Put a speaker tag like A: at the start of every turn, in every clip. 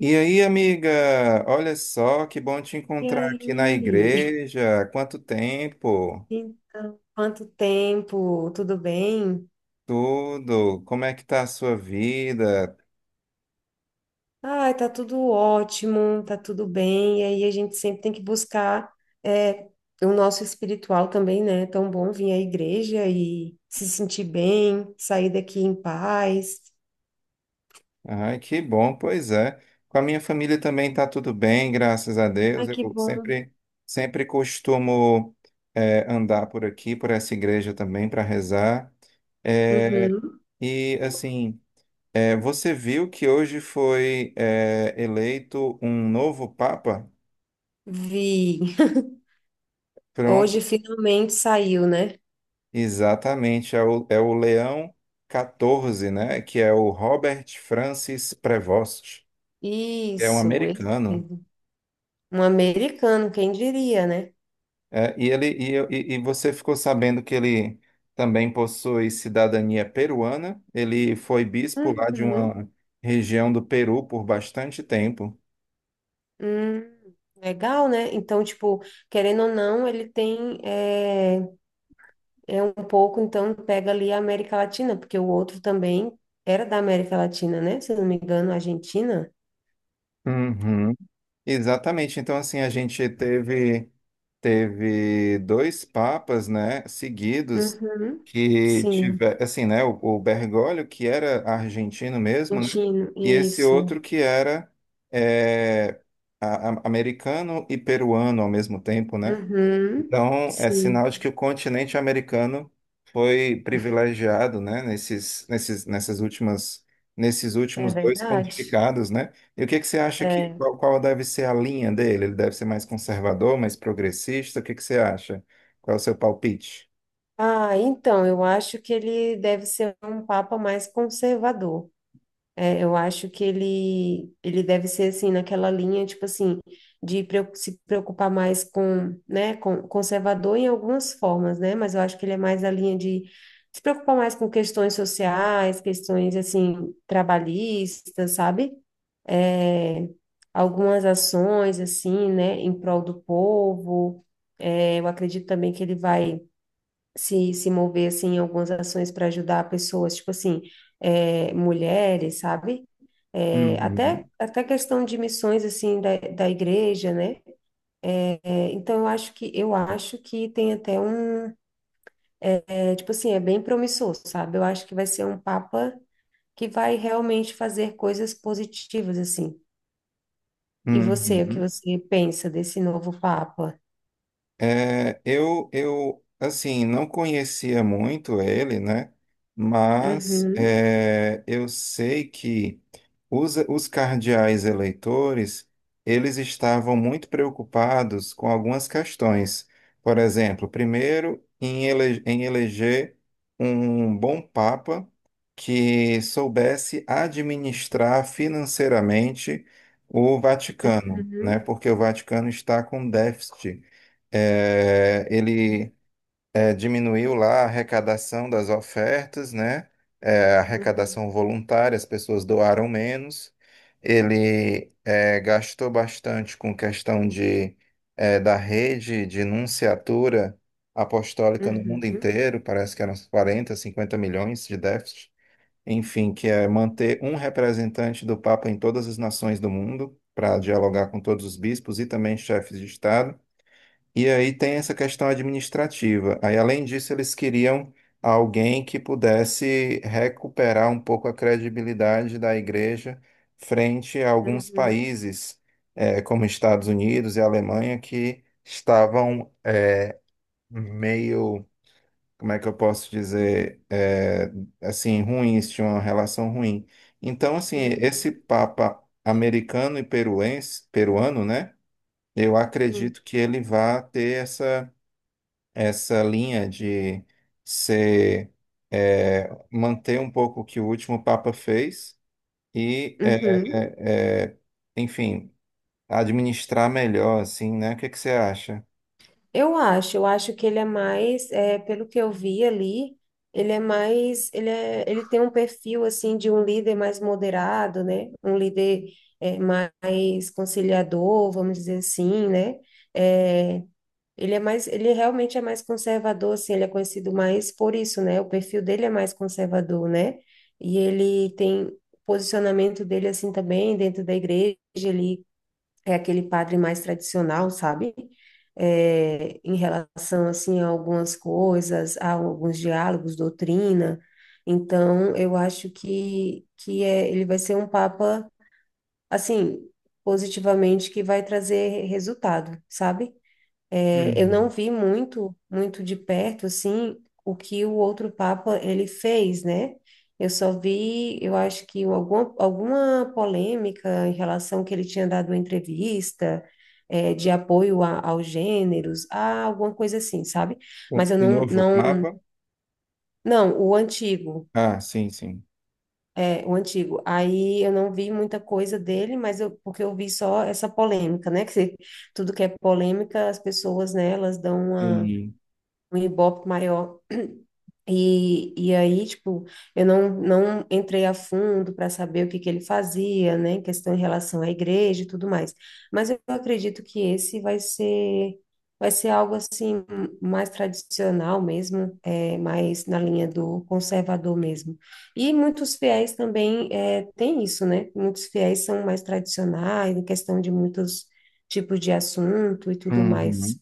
A: E aí, amiga, olha só, que bom te
B: E
A: encontrar aqui na
B: aí?
A: igreja. Quanto tempo?
B: Então, quanto tempo? Tudo bem?
A: Tudo? Como é que tá a sua vida?
B: Ai, tá tudo ótimo, tá tudo bem. E aí a gente sempre tem que buscar é, o nosso espiritual também, né? É tão bom vir à igreja e se sentir bem, sair daqui em paz.
A: Ai, que bom, pois é. Com a minha família também tá tudo bem, graças a Deus.
B: Ai, que
A: Eu
B: bom.
A: sempre, sempre costumo andar por aqui, por essa igreja também, para rezar. Eh,
B: Uhum.
A: e assim, você viu que hoje foi eleito um novo Papa?
B: Vi.
A: Pronto.
B: Hoje finalmente saiu, né?
A: Exatamente, é o Leão 14, né? Que é o Robert Francis Prevost, que é um
B: Isso, ele
A: americano.
B: mesmo. Um americano, quem diria, né?
A: É, e ele e, e você ficou sabendo que ele também possui cidadania peruana. Ele foi bispo lá de
B: Uhum.
A: uma região do Peru por bastante tempo.
B: Hum, legal, né? Então, tipo, querendo ou não, ele tem é um pouco, então pega ali a América Latina, porque o outro também era da América Latina, né? Se eu não me engano, Argentina.
A: Uhum. Exatamente. Então, assim, a gente teve dois papas, né, seguidos
B: Uhum.
A: que
B: Sim,
A: tiver, assim, né, o Bergoglio que era argentino mesmo, né,
B: argentino,
A: e esse
B: isso.
A: outro que era é, americano e peruano ao mesmo tempo, né?
B: Uhum.
A: Então, é
B: Sim,
A: sinal de que o continente americano foi privilegiado, né, nesses
B: é
A: últimos dois
B: verdade.
A: pontificados, né? E o que que você acha que,
B: É.
A: qual deve ser a linha dele? Ele deve ser mais conservador, mais progressista? O que que você acha? Qual é o seu palpite?
B: Ah, então, eu acho que ele deve ser um papa mais conservador. É, eu acho que ele deve ser assim, naquela linha, tipo assim, se preocupar mais com, né, com conservador em algumas formas, né? Mas eu acho que ele é mais a linha de se preocupar mais com questões sociais, questões assim, trabalhistas, sabe? É, algumas ações assim, né, em prol do povo. É, eu acredito também que ele vai se mover assim em algumas ações para ajudar pessoas, tipo assim, mulheres, sabe? É, até
A: Uhum.
B: até questão de missões assim da igreja, né? É, então eu acho que tem até um é, tipo assim é bem promissor, sabe? Eu acho que vai ser um papa que vai realmente fazer coisas positivas assim. E você, o que
A: Uhum.
B: você pensa desse novo papa?
A: É, assim, não conhecia muito ele, né? Mas
B: Uhum,
A: é, eu sei que os cardeais eleitores, eles estavam muito preocupados com algumas questões. Por exemplo, primeiro, em eleger um bom papa que soubesse administrar financeiramente o Vaticano, né?
B: uhum.
A: Porque o Vaticano está com déficit, é, ele diminuiu lá a arrecadação das ofertas, né? É, a
B: Uhum,
A: arrecadação voluntária, as pessoas doaram menos. Ele gastou bastante com questão de, é, da rede de nunciatura apostólica no mundo
B: uhum, uhum,
A: inteiro, parece que eram uns 40, 50 milhões de déficit. Enfim, que é manter um representante do Papa em todas as nações do mundo, para dialogar com todos os bispos e também chefes de Estado. E aí tem essa questão administrativa. Aí, além disso, eles queriam alguém que pudesse recuperar um pouco a credibilidade da igreja frente a alguns
B: uhum,
A: países, como Estados Unidos e Alemanha, que estavam meio, como é que eu posso dizer, assim, ruins, tinham uma relação ruim. Então, assim, esse
B: uhum.
A: Papa americano e peruense, peruano, né? Eu
B: Sim.
A: acredito que ele vá ter essa linha de ser, é, manter um pouco o que o último Papa fez e, é,
B: Uhum.
A: é, é, enfim, administrar melhor, assim, né? O que que você acha?
B: Eu acho que ele é mais, é, pelo que eu vi ali, ele é mais, ele é, ele tem um perfil assim de um líder mais moderado, né? Um líder mais conciliador, vamos dizer assim, né? É, ele é mais, ele realmente é mais conservador, assim, ele é conhecido mais por isso, né? O perfil dele é mais conservador, né? E ele tem o posicionamento dele assim também dentro da igreja, ele é aquele padre mais tradicional, sabe? É, em relação assim a algumas coisas, a alguns diálogos, doutrina. Então, eu acho que é, ele vai ser um papa assim, positivamente, que vai trazer resultado, sabe? É, eu não
A: Uhum.
B: vi muito de perto, assim, o que o outro Papa ele fez, né? Eu só vi, eu acho que alguma polêmica em relação que ele tinha dado uma entrevista, é, aos gêneros, a alguma coisa assim, sabe?
A: O
B: Mas eu
A: novo Papa?
B: não, o antigo,
A: Ah, sim, sim.
B: é, o antigo. Aí eu não vi muita coisa dele, mas eu, porque eu vi só essa polêmica, né? Que se- tudo que é polêmica, as pessoas, né, elas dão uma
A: Entendi.
B: um ibope maior. E aí, tipo, eu não entrei a fundo para saber o que que ele fazia, né, em questão em relação à igreja e tudo mais. Mas eu acredito que vai ser algo assim mais tradicional mesmo, é, mais na linha do conservador mesmo. E muitos fiéis também é, tem isso, né? Muitos fiéis são mais tradicionais em questão de muitos tipos de assunto e tudo mais.
A: Uhum.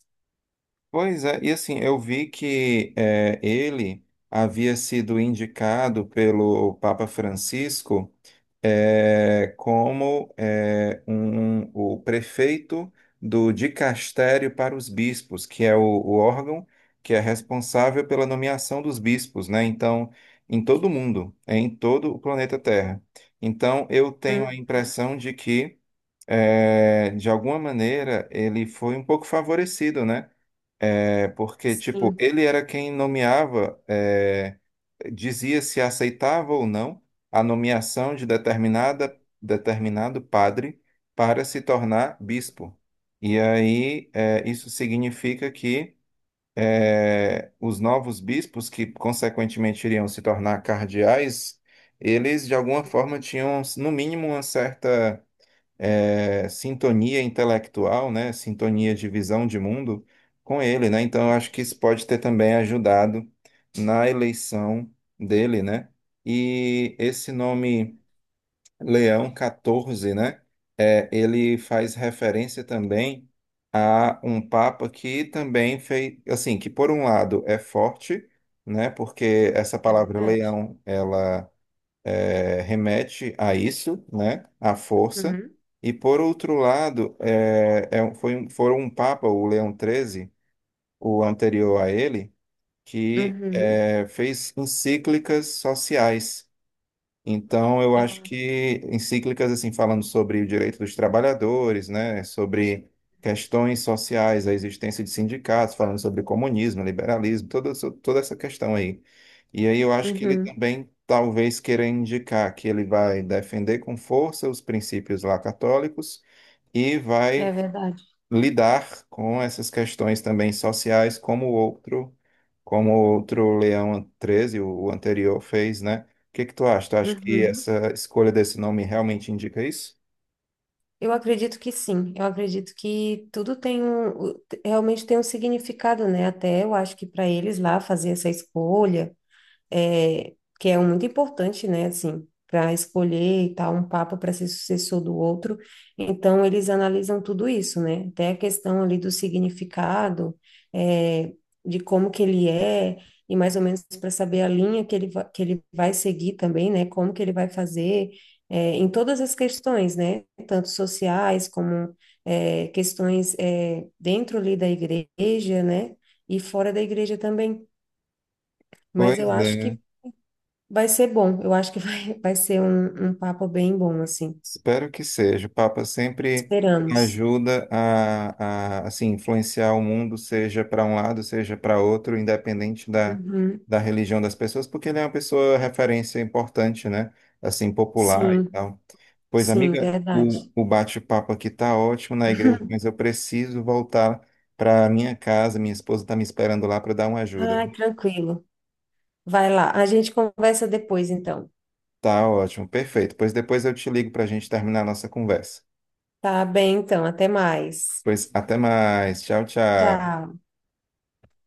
A: Pois é, e assim, eu vi que é, ele havia sido indicado pelo Papa Francisco é, como é, o prefeito do dicastério para os bispos, que é o órgão que é responsável pela nomeação dos bispos, né? Então, em todo o mundo, é, em todo o planeta Terra. Então, eu tenho a
B: Uhum,
A: impressão de que, é, de alguma maneira, ele foi um pouco favorecido, né? É porque, tipo,
B: sim.
A: ele era quem nomeava, é, dizia se aceitava ou não a nomeação de
B: Uhum,
A: determinado padre para se tornar bispo. E aí, é, isso significa que é, os novos bispos, que consequentemente iriam se tornar cardeais, eles de alguma
B: sim.
A: forma tinham, no mínimo, uma certa é, sintonia intelectual, né, sintonia de visão de mundo com ele, né? Então eu acho que
B: Uhum.
A: isso pode ter também ajudado na eleição dele, né? E esse nome Leão 14, né? É, ele faz referência também a um papa que também fez, assim, que por um lado é forte, né? Porque essa
B: É
A: palavra
B: verdade.
A: leão, ela é, remete a isso, né, à força.
B: Uhum.
A: E por outro lado, foram um papa, o Leão XIII, o anterior a ele, que
B: Uhum.
A: é, fez encíclicas sociais. Então, eu acho
B: Ah,
A: que encíclicas, assim, falando sobre o direito dos trabalhadores, né, sobre questões sociais, a existência de sindicatos, falando sobre comunismo, liberalismo, toda essa questão aí. E aí eu acho que ele
B: uhum.
A: também talvez queira indicar que ele vai defender com força os princípios lá católicos e
B: É
A: vai
B: verdade.
A: lidar com essas questões também sociais, como o outro Leão Treze, o anterior, fez, né? O que que tu acha? Tu acha que
B: Uhum.
A: essa escolha desse nome realmente indica isso?
B: Eu acredito que sim. Eu acredito que tudo tem um, o- realmente tem um significado, né? Até eu acho que para eles lá fazer essa escolha. É, que é muito importante, né, assim, para escolher e tal, um papa para ser sucessor do outro. Então, eles analisam tudo isso, né? Até a questão ali do significado, é, de como que ele é, e mais ou menos para saber a linha que va- que ele vai seguir também, né? Como que ele vai fazer, é, em todas as questões, né? Tanto sociais como é, questões é, dentro ali da igreja, né? E fora da igreja também. Mas eu
A: Pois
B: acho
A: é.
B: que vai ser bom, eu acho que vai, vai ser um papo bem bom, assim.
A: Espero que seja. O Papa sempre
B: Esperamos.
A: ajuda a assim, influenciar o mundo, seja para um lado, seja para outro, independente da,
B: Uhum.
A: da religião das pessoas, porque ele é uma pessoa referência importante, né? Assim, popular e
B: Sim,
A: tal. Pois,
B: sim,
A: amiga,
B: verdade.
A: o bate-papo aqui tá ótimo na igreja, mas eu preciso voltar para minha casa. Minha esposa está me esperando lá para dar uma ajuda.
B: Ai, tranquilo. Vai lá, a gente conversa depois, então.
A: Tá ótimo, perfeito. Pois depois eu te ligo para a gente terminar a nossa conversa.
B: Tá bem, então, até mais.
A: Pois até mais. Tchau, tchau.
B: Tchau.